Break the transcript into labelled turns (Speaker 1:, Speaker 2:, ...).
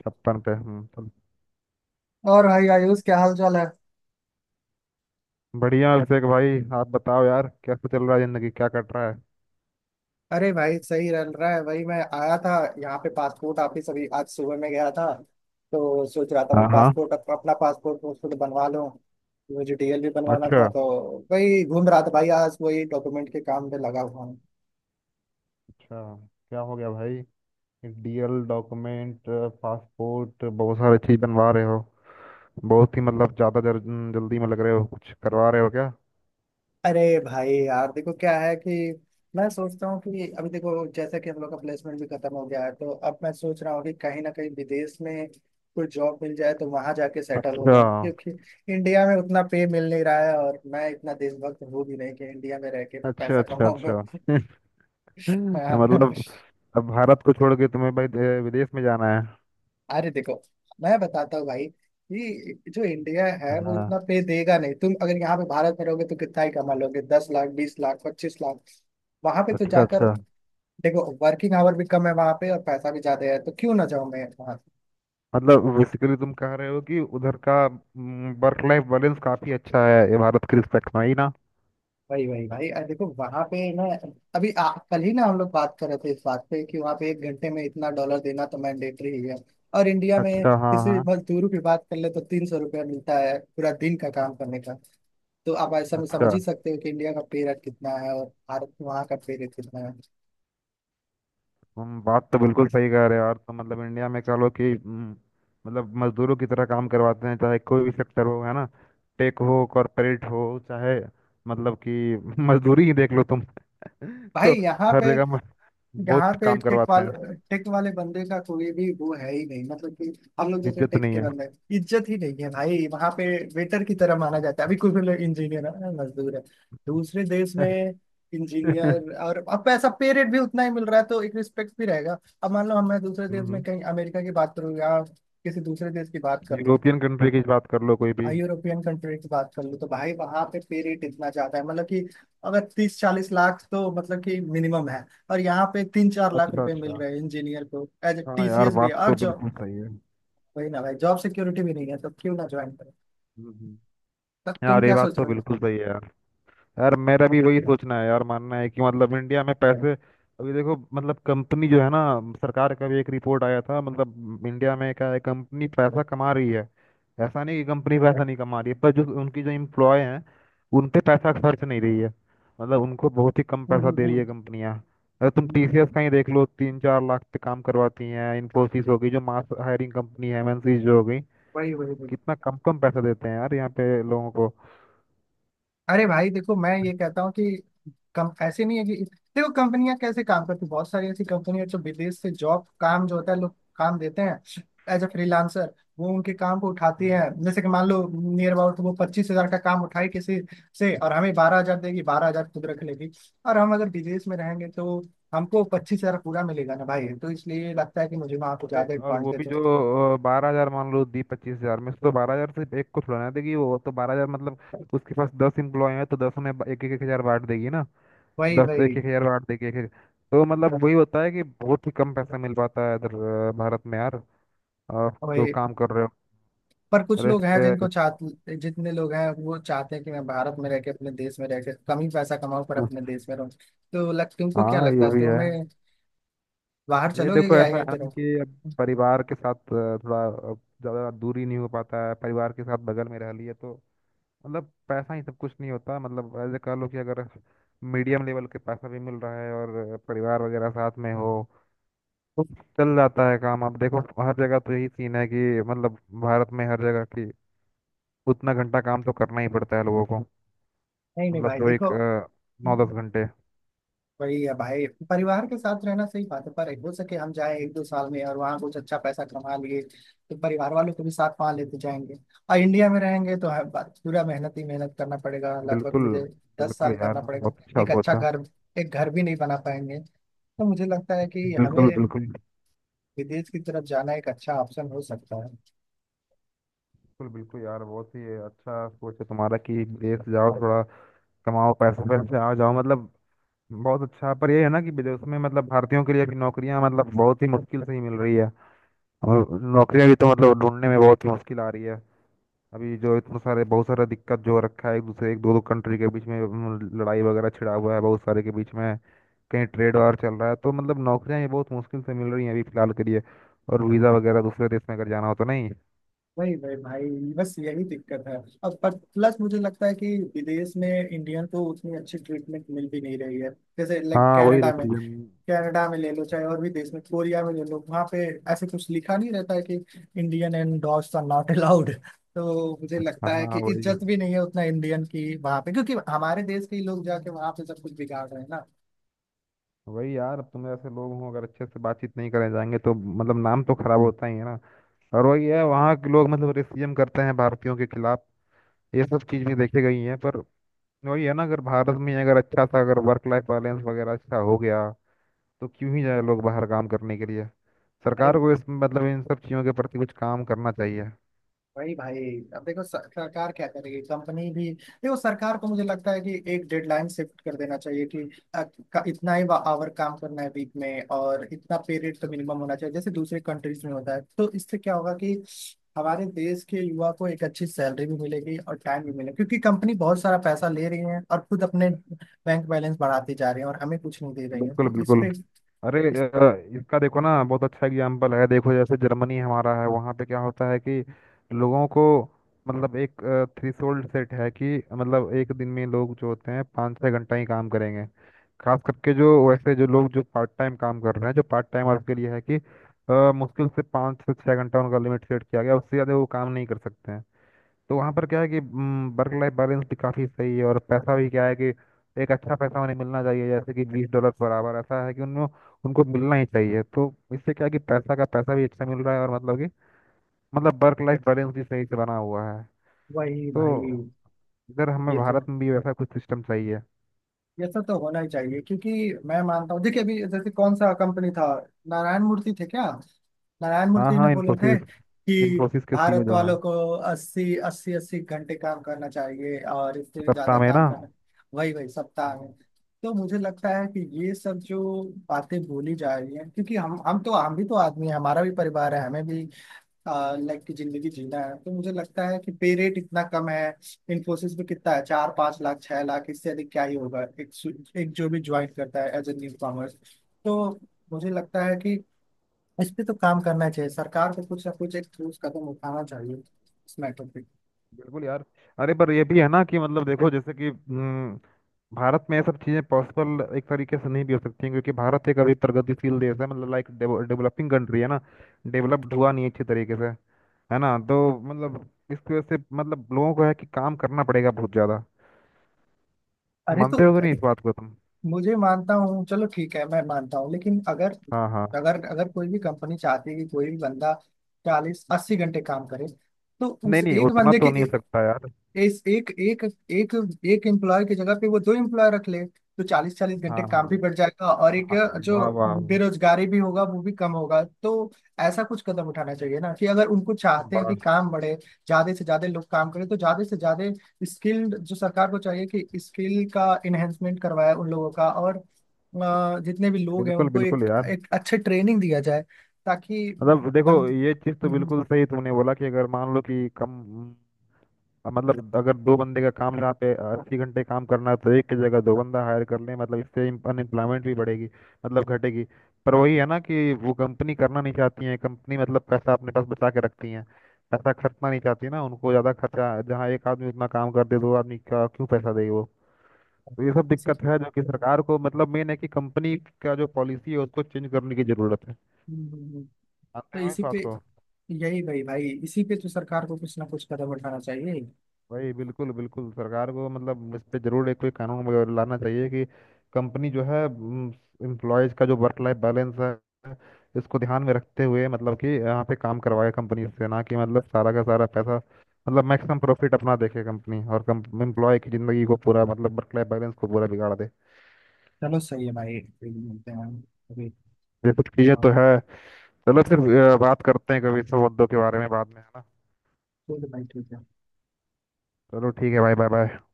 Speaker 1: 56 पे। हम्म। तो
Speaker 2: और भाई आयुष, क्या हाल चाल है।
Speaker 1: बढ़िया, अभिषेक भाई, आप बताओ यार, कैसे चल रहा है जिंदगी? क्या कट रहा है?
Speaker 2: अरे भाई सही रन रहा है। वही मैं आया था यहाँ पे, पासपोर्ट ऑफिस अभी आज सुबह में गया था। तो सोच रहा था वो
Speaker 1: हाँ, हाँ।
Speaker 2: पासपोर्ट अपना पासपोर्ट वासपोर्ट बनवा लूँ। मुझे डीएल भी बनवाना था,
Speaker 1: अच्छा।
Speaker 2: तो वही घूम रहा था भाई, आज वही डॉक्यूमेंट के काम में लगा हुआ हूँ।
Speaker 1: अच्छा, क्या हो गया भाई? डीएल, डॉक्यूमेंट, पासपोर्ट, बहुत सारी चीज बनवा रहे हो। बहुत ही, मतलब ज्यादा जल्दी में लग रहे हो, कुछ करवा रहे हो क्या?
Speaker 2: अरे भाई यार, देखो क्या है कि मैं सोचता हूँ कि अभी देखो, जैसा कि हम लोग का प्लेसमेंट भी खत्म हो गया है तो अब मैं सोच रहा हूँ कि कहीं ना कहीं विदेश में कोई जॉब मिल जाए तो वहां जाके सेटल हो
Speaker 1: अच्छा,
Speaker 2: जाऊँ, क्योंकि इंडिया में उतना पे मिल नहीं रहा है और मैं इतना देशभक्त हूँ भी नहीं कि इंडिया में रह के
Speaker 1: अच्छा,
Speaker 2: पैसा
Speaker 1: अच्छा।
Speaker 2: कमाऊंगा।
Speaker 1: अच्छा। मतलब
Speaker 2: हाँ।
Speaker 1: अब भारत को छोड़ के तुम्हें भाई विदेश में जाना है।
Speaker 2: अरे देखो, मैं बताता हूँ भाई कि जो इंडिया है वो
Speaker 1: हाँ।
Speaker 2: उतना पे देगा नहीं। तुम अगर यहाँ पे भारत में रहोगे तो कितना ही कमा लोगे, 10 लाख, 20 लाख, 25 लाख। वहां पे तो
Speaker 1: अच्छा,
Speaker 2: जाकर
Speaker 1: अच्छा।
Speaker 2: देखो, वर्किंग आवर भी कम है वहां पे और पैसा भी ज्यादा है, तो क्यों ना जाऊं मैं वहां।
Speaker 1: मतलब बेसिकली तुम कह रहे हो कि उधर का वर्क लाइफ बैलेंस काफी अच्छा है ये, भारत के रिस्पेक्ट में ही ना?
Speaker 2: वही वही भाई, देखो वहां पे ना, अभी कल ही ना हम लोग बात कर रहे थे इस बात पे कि वहां पे एक घंटे में इतना डॉलर देना तो मैंडेटरी ही है। और इंडिया में
Speaker 1: अच्छा। हाँ,
Speaker 2: किसी
Speaker 1: हाँ।
Speaker 2: मजदूर की बात कर ले तो 300 रुपया मिलता है पूरा दिन का काम करने का। तो आप ऐसा में समझ
Speaker 1: अच्छा,
Speaker 2: ही सकते हो कि इंडिया का पे रेट कितना है और भारत वहाँ का पे रेट कितना है।
Speaker 1: तुम बात तो बिल्कुल सही कह रहे हो यार। तो मतलब इंडिया में कह लो कि मतलब मजदूरों की तरह काम करवाते हैं, चाहे कोई भी सेक्टर हो, है ना? टेक हो, कॉरपोरेट हो, चाहे, मतलब कि मजदूरी ही देख लो तुम।
Speaker 2: भाई
Speaker 1: तो
Speaker 2: यहाँ पे
Speaker 1: हर जगह
Speaker 2: यहाँ
Speaker 1: बहुत
Speaker 2: पे
Speaker 1: काम करवाते हैं।
Speaker 2: टेक वाले बंदे का कोई भी वो है ही नहीं, मतलब कि हम लोग जैसे
Speaker 1: इज्जत
Speaker 2: टेक
Speaker 1: नहीं
Speaker 2: के
Speaker 1: है।
Speaker 2: बंदे, इज्जत ही नहीं है भाई वहाँ पे। वेटर की तरह माना जाता है। अभी कोई भी लोग इंजीनियर है, मजदूर है दूसरे देश में, इंजीनियर, और अब पैसा पे रेट भी उतना ही मिल रहा है तो एक रिस्पेक्ट भी रहेगा। अब मान लो हम मैं दूसरे देश में
Speaker 1: हम्म।
Speaker 2: कहीं अमेरिका की बात करूँ या किसी दूसरे देश की बात कर लूँ।
Speaker 1: यूरोपियन कंट्री की बात कर लो कोई भी।
Speaker 2: हाँ, यूरोपियन कंट्री की बात कर लूँ तो भाई वहां पे पे रेट इतना ज्यादा है, मतलब कि अगर 30-40 लाख तो मतलब कि मिनिमम है। और यहाँ पे 3-4 लाख
Speaker 1: अच्छा,
Speaker 2: रुपए मिल
Speaker 1: अच्छा।
Speaker 2: रहे हैं इंजीनियर को, एज ए
Speaker 1: हाँ यार,
Speaker 2: टीसीएस भी
Speaker 1: बात
Speaker 2: है, और
Speaker 1: तो
Speaker 2: जॉब,
Speaker 1: बिल्कुल सही है।
Speaker 2: वही ना भाई, जॉब सिक्योरिटी भी नहीं है, तो क्यों ना ज्वाइन करें।
Speaker 1: हम्म। हम्म।
Speaker 2: तो तुम
Speaker 1: यार ये
Speaker 2: क्या
Speaker 1: बात
Speaker 2: सोच
Speaker 1: तो
Speaker 2: रहे हो।
Speaker 1: बिल्कुल सही है यार। यार मेरा भी वही सोचना है यार, मानना है कि मतलब इंडिया में पैसे, अभी देखो मतलब कंपनी जो है ना, सरकार का भी एक रिपोर्ट आया था, मतलब इंडिया में क्या है, कंपनी पैसा कमा रही है। ऐसा नहीं कि कंपनी पैसा नहीं कमा रही है, पर जो उनकी जो एम्प्लॉय हैं उन पे पैसा खर्च नहीं रही है। मतलब उनको बहुत ही कम
Speaker 2: हम्म,
Speaker 1: पैसा दे रही
Speaker 2: हम्म,
Speaker 1: है कंपनियां। अगर तुम
Speaker 2: हम्म।
Speaker 1: टीसीएस का ही देख लो, 3 4 लाख पे काम करवाती हैं। इन्फोसिस हो गई, जो मास हायरिंग कंपनी है, एमएनसी जो हो गई,
Speaker 2: वही वही वही।
Speaker 1: कितना कम कम पैसा देते हैं यार यहाँ पे लोगों को।
Speaker 2: अरे भाई देखो, मैं ये कहता हूँ कि कम ऐसे नहीं है कि देखो कंपनियां कैसे काम करती हैं, बहुत सारी ऐसी कंपनियां जो विदेश से जॉब, काम जो होता है, लोग काम देते हैं एज अ फ्रीलांसर, वो उनके काम को उठाती हैं।
Speaker 1: हम्म।
Speaker 2: जैसे कि मान लो, नियर अबाउट वो 25,000 का काम उठाए किसी से, और हमें 12,000 देगी, 12,000 खुद रख लेगी। और हम अगर विदेश में रहेंगे तो हमको 25,000 पूरा मिलेगा ना भाई, तो इसलिए लगता है कि मुझे वहां को
Speaker 1: अरे,
Speaker 2: ज्यादा
Speaker 1: और वो भी
Speaker 2: एडवांटेज है।
Speaker 1: जो 12 हजार मान लो दी 25 हजार में से, तो 12 हजार सिर्फ एक को थोड़ा ना देगी वो, तो 12 हजार मतलब उसके पास 10 इम्प्लॉय हैं तो 10 में 1 1 हजार बांट देगी ना।
Speaker 2: वही
Speaker 1: 10,
Speaker 2: वही
Speaker 1: 1 1 हजार बांट देगी, एक एक। तो मतलब वही होता है कि बहुत ही कम पैसा मिल पाता है इधर भारत में यार। अ, जो
Speaker 2: वही।
Speaker 1: काम कर रहे हो।
Speaker 2: पर कुछ
Speaker 1: अरे,
Speaker 2: लोग
Speaker 1: इस
Speaker 2: हैं
Speaker 1: पे
Speaker 2: जिनको चाहते, जितने लोग हैं वो चाहते हैं कि मैं भारत में रह के, अपने देश में रह के, कम ही पैसा कमाऊं पर अपने देश में रहूं, तो लग तुमको क्या
Speaker 1: हाँ,
Speaker 2: लगता
Speaker 1: ये
Speaker 2: है,
Speaker 1: भी है।
Speaker 2: तुम्हें बाहर
Speaker 1: ये
Speaker 2: चलोगे
Speaker 1: देखो
Speaker 2: क्या
Speaker 1: ऐसा
Speaker 2: यहीं
Speaker 1: है
Speaker 2: पे
Speaker 1: ना
Speaker 2: रहो।
Speaker 1: कि अब परिवार के साथ थोड़ा, अ, ज्यादा दूरी नहीं हो पाता है, परिवार के साथ बगल में रह लिए तो मतलब पैसा ही सब कुछ नहीं होता। मतलब ऐसे कह लो कि अगर मीडियम लेवल के पैसा भी मिल रहा है और परिवार वगैरह साथ में हो तो चल जाता है काम। अब देखो हर जगह तो यही सीन है कि मतलब भारत में हर जगह की उतना घंटा काम तो करना ही पड़ता है लोगों को,
Speaker 2: नहीं नहीं
Speaker 1: मतलब
Speaker 2: भाई
Speaker 1: जो
Speaker 2: देखो,
Speaker 1: एक 9 10 घंटे।
Speaker 2: वही है भाई, परिवार के साथ रहना सही बात है, पर हो सके हम जाएं एक दो साल में और वहाँ कुछ अच्छा पैसा कमा लिए तो परिवार वालों को भी साथ वहाँ लेते जाएंगे। और इंडिया में रहेंगे तो हर बात पूरा मेहनत ही मेहनत करना पड़ेगा, लगभग
Speaker 1: बिल्कुल
Speaker 2: मुझे दस
Speaker 1: बिल्कुल,
Speaker 2: साल
Speaker 1: यार
Speaker 2: करना पड़ेगा
Speaker 1: बहुत अच्छा
Speaker 2: एक अच्छा
Speaker 1: सोचा।
Speaker 2: घर, एक घर भी नहीं बना पाएंगे। तो मुझे लगता है कि हमें
Speaker 1: बिल्कुल बिल्कुल।
Speaker 2: विदेश की तरफ जाना एक अच्छा ऑप्शन हो सकता है।
Speaker 1: बिल्कुल बिल्कुल यार, बहुत ही अच्छा सोच है तुम्हारा कि विदेश जाओ, थोड़ा कमाओ, पैसे पैसे आ जाओ, मतलब बहुत अच्छा। पर ये है ना कि विदेश में मतलब भारतीयों के लिए भी नौकरियां मतलब बहुत ही मुश्किल से ही मिल रही है, और नौकरियां भी तो मतलब ढूंढने में बहुत ही मुश्किल आ रही है। अभी जो इतने सारे, बहुत सारा दिक्कत जो रखा है एक दूसरे, एक दो दो कंट्री के बीच में, लड़ाई वगैरह छिड़ा हुआ है बहुत सारे के बीच में। कहीं ट्रेड वार चल रहा है, तो मतलब नौकरियां ये बहुत मुश्किल से मिल रही हैं अभी फिलहाल के लिए। और वीज़ा वगैरह दूसरे देश में अगर जाना हो तो नहीं।
Speaker 2: वही वही भाई, बस यही दिक्कत है। अब पर प्लस मुझे लगता है कि विदेश में इंडियन को उतनी अच्छी ट्रीटमेंट मिल भी नहीं रही है, जैसे लाइक
Speaker 1: हाँ, वही
Speaker 2: कनाडा में,
Speaker 1: रीजन।
Speaker 2: कनाडा में ले लो, चाहे और भी देश में, कोरिया में ले लो, वहाँ पे ऐसे कुछ लिखा नहीं रहता है कि Indian and dogs are not allowed. तो मुझे लगता है कि
Speaker 1: हाँ, वही
Speaker 2: इज्जत भी नहीं है उतना इंडियन की वहाँ पे, क्योंकि हमारे देश के ही लोग जाके वहाँ पे सब कुछ बिगाड़ रहे हैं।
Speaker 1: वही यार, अब तुम ऐसे लोग हो, अगर अच्छे से बातचीत नहीं करे जाएंगे तो मतलब नाम तो खराब होता ही है ना। और वही है, वहाँ के लोग मतलब रेसिज्म करते हैं भारतीयों के खिलाफ, ये सब चीज़ भी देखी गई है। पर वही है ना, अगर भारत में अगर अच्छा सा अगर वर्क लाइफ बैलेंस वगैरह अच्छा हो गया तो क्यों ही जाए लोग बाहर काम करने के लिए।
Speaker 2: ना,
Speaker 1: सरकार को इस मतलब इन सब चीज़ों के प्रति कुछ काम करना चाहिए।
Speaker 2: वही भाई, अब देखो सरकार क्या करेगी, कंपनी भी देखो। सरकार को मुझे लगता है कि एक डेडलाइन शिफ्ट कर देना चाहिए कि अ, इतना ही आवर काम करना है वीक में, और इतना पीरियड तो मिनिमम होना चाहिए जैसे दूसरे कंट्रीज में होता है। तो इससे क्या होगा कि हमारे देश के युवा को एक अच्छी सैलरी भी मिलेगी और टाइम भी मिलेगा, क्योंकि कंपनी बहुत सारा पैसा ले रही है और खुद अपने बैंक बैलेंस बढ़ाती जा रही है और हमें कुछ नहीं दे रही है।
Speaker 1: बिल्कुल
Speaker 2: तो इस
Speaker 1: बिल्कुल।
Speaker 2: पे
Speaker 1: अरे
Speaker 2: इस,
Speaker 1: इसका देखो ना, बहुत अच्छा एग्जाम्पल है, देखो जैसे जर्मनी हमारा है, वहाँ पे क्या होता है कि लोगों को मतलब एक थ्रेशोल्ड सेट है कि मतलब एक दिन में लोग जो होते हैं 5 6 घंटा ही काम करेंगे। खास करके जो वैसे जो लोग जो पार्ट टाइम काम कर रहे हैं, जो पार्ट टाइम वर्क के लिए है कि मुश्किल से 5 से 6 घंटा उनका लिमिट सेट किया गया, उससे ज़्यादा वो काम नहीं कर सकते हैं। तो वहाँ पर क्या है कि वर्क लाइफ बैलेंस भी काफ़ी सही है, और पैसा भी क्या है कि एक अच्छा पैसा उन्हें मिलना चाहिए, जैसे कि 20 डॉलर पर आवर ऐसा है कि उनको उनको मिलना ही चाहिए। तो इससे क्या है कि पैसा का पैसा भी अच्छा मिल रहा है और मतलब कि मतलब वर्क लाइफ बैलेंस भी सही से बना हुआ है।
Speaker 2: वही भाई,
Speaker 1: तो इधर हमें
Speaker 2: ये तो
Speaker 1: भारत में भी वैसा कुछ सिस्टम चाहिए।
Speaker 2: ये सब तो होना ही चाहिए। क्योंकि मैं मानता हूँ, देखिए अभी जैसे कौन सा कंपनी था, नारायण मूर्ति थे क्या, नारायण
Speaker 1: हाँ
Speaker 2: मूर्ति ने
Speaker 1: हाँ,
Speaker 2: बोले थे
Speaker 1: इन्फोसिस।
Speaker 2: कि
Speaker 1: इन्फोसिस के सीईओ
Speaker 2: भारत
Speaker 1: जो है।
Speaker 2: वालों को अस्सी अस्सी अस्सी घंटे काम करना चाहिए और इससे ज्यादा
Speaker 1: सप्ताह में ना।
Speaker 2: काम करना। वही वही सप्ताह
Speaker 1: हाँ।
Speaker 2: में। तो मुझे लगता है कि ये सब जो बातें बोली जा रही हैं, क्योंकि हम तो हम भी तो आदमी हैं, हमारा भी परिवार है, हमें भी लाइक की जिंदगी जीना है। तो मुझे लगता है कि पे रेट इतना कम है। इन्फोसिस में कितना है, 4-5 लाख, 6 लाख, इससे अधिक क्या ही होगा, एक जो भी ज्वाइन करता है एज ए न्यू कॉमर्स। तो मुझे लगता है कि इस पे तो काम करना चाहिए, सरकार को कुछ ना कुछ एक ठोस कदम उठाना चाहिए इस मैटर पे।
Speaker 1: बिल्कुल यार। अरे पर ये भी है ना कि मतलब देखो जैसे कि भारत में ये सब चीज़ें पॉसिबल एक तरीके से नहीं भी हो सकती हैं, क्योंकि भारत एक अभी प्रगतिशील देश है मतलब लाइक डेवलपिंग कंट्री है ना, डेवलप्ड हुआ नहीं है अच्छे तरीके से, है ना? तो मतलब इसकी वजह से मतलब लोगों को है कि काम करना पड़ेगा बहुत ज़्यादा।
Speaker 2: अरे तो
Speaker 1: मानते होगे नहीं इस बात को तुम?
Speaker 2: मुझे मानता हूँ, चलो ठीक है मैं मानता हूँ लेकिन अगर,
Speaker 1: हाँ, हाँ।
Speaker 2: अगर कोई भी कंपनी चाहती है कि कोई भी बंदा चालीस अस्सी घंटे काम करे, तो उस
Speaker 1: नहीं नहीं,
Speaker 2: एक
Speaker 1: उतना
Speaker 2: बंदे के
Speaker 1: तो नहीं हो सकता यार।
Speaker 2: इस एक एक एक एक एम्प्लॉय की जगह पे वो दो एम्प्लॉय रख ले तो चालीस चालीस
Speaker 1: हाँ,
Speaker 2: घंटे काम
Speaker 1: हाँ।
Speaker 2: भी बढ़ जाएगा और एक
Speaker 1: हाँ।
Speaker 2: जो
Speaker 1: वाह वाह।
Speaker 2: बेरोजगारी भी होगा वो भी कम होगा। तो ऐसा कुछ कदम उठाना चाहिए ना कि अगर उनको चाहते हैं कि
Speaker 1: वाह।
Speaker 2: काम बढ़े, ज्यादा से ज्यादा लोग काम करें तो ज्यादा से ज्यादा स्किल्ड, जो सरकार को चाहिए कि स्किल का इन्हेंसमेंट करवाए उन लोगों का, और जितने भी लोग हैं
Speaker 1: बिल्कुल
Speaker 2: उनको
Speaker 1: बिल्कुल
Speaker 2: एक
Speaker 1: यार,
Speaker 2: एक अच्छे ट्रेनिंग दिया जाए ताकि
Speaker 1: मतलब देखो
Speaker 2: बन
Speaker 1: ये चीज़ तो बिल्कुल सही तुमने बोला कि अगर मान लो कि कम, अब मतलब अगर दो बंदे का काम जहाँ पे 80 घंटे काम करना है तो एक की जगह दो बंदा हायर कर लें, मतलब इससे अनएम्प्लॉयमेंट भी बढ़ेगी, मतलब घटेगी। पर वही है ना कि वो कंपनी करना नहीं चाहती है, कंपनी मतलब पैसा अपने पास बचा के रखती है, पैसा खर्चना नहीं चाहती ना, उनको ज़्यादा खर्चा, जहाँ एक आदमी उतना काम कर दे दो आदमी का क्यों पैसा दे वो? तो ये
Speaker 2: तो
Speaker 1: सब
Speaker 2: इसी
Speaker 1: दिक्कत
Speaker 2: पे
Speaker 1: है जो कि सरकार को मतलब मेन है कि कंपनी का जो पॉलिसी है उसको चेंज करने की ज़रूरत है।
Speaker 2: हम्म, हम्म, हम्म।
Speaker 1: जानते
Speaker 2: तो
Speaker 1: हो ना इस
Speaker 2: इसी पे,
Speaker 1: बात को?
Speaker 2: यही भाई, भाई इसी पे तो सरकार को कुछ ना कुछ कदम उठाना चाहिए।
Speaker 1: वही बिल्कुल बिल्कुल, सरकार को मतलब इस पे जरूर एक कोई कानून वगैरह लाना चाहिए कि कंपनी जो है एम्प्लॉयज का जो वर्क लाइफ बैलेंस है इसको ध्यान में रखते हुए मतलब कि यहाँ पे काम करवाए कंपनी से, ना कि मतलब सारा का सारा पैसा मतलब मैक्सिमम प्रॉफिट अपना देखे कंपनी और एम्प्लॉय की जिंदगी को पूरा मतलब वर्क लाइफ बैलेंस को पूरा बिगाड़ दे।
Speaker 2: चलो सही है भाई, फिर मिलते हैं अभी।
Speaker 1: ये कुछ चीजें तो
Speaker 2: हाँ,
Speaker 1: है। चलो फिर बात करते हैं कभी इस सब मुद्दों के बारे में बाद में, है ना?
Speaker 2: ठीक है भाई ठीक है।
Speaker 1: चलो ठीक है भाई, बाय बाय।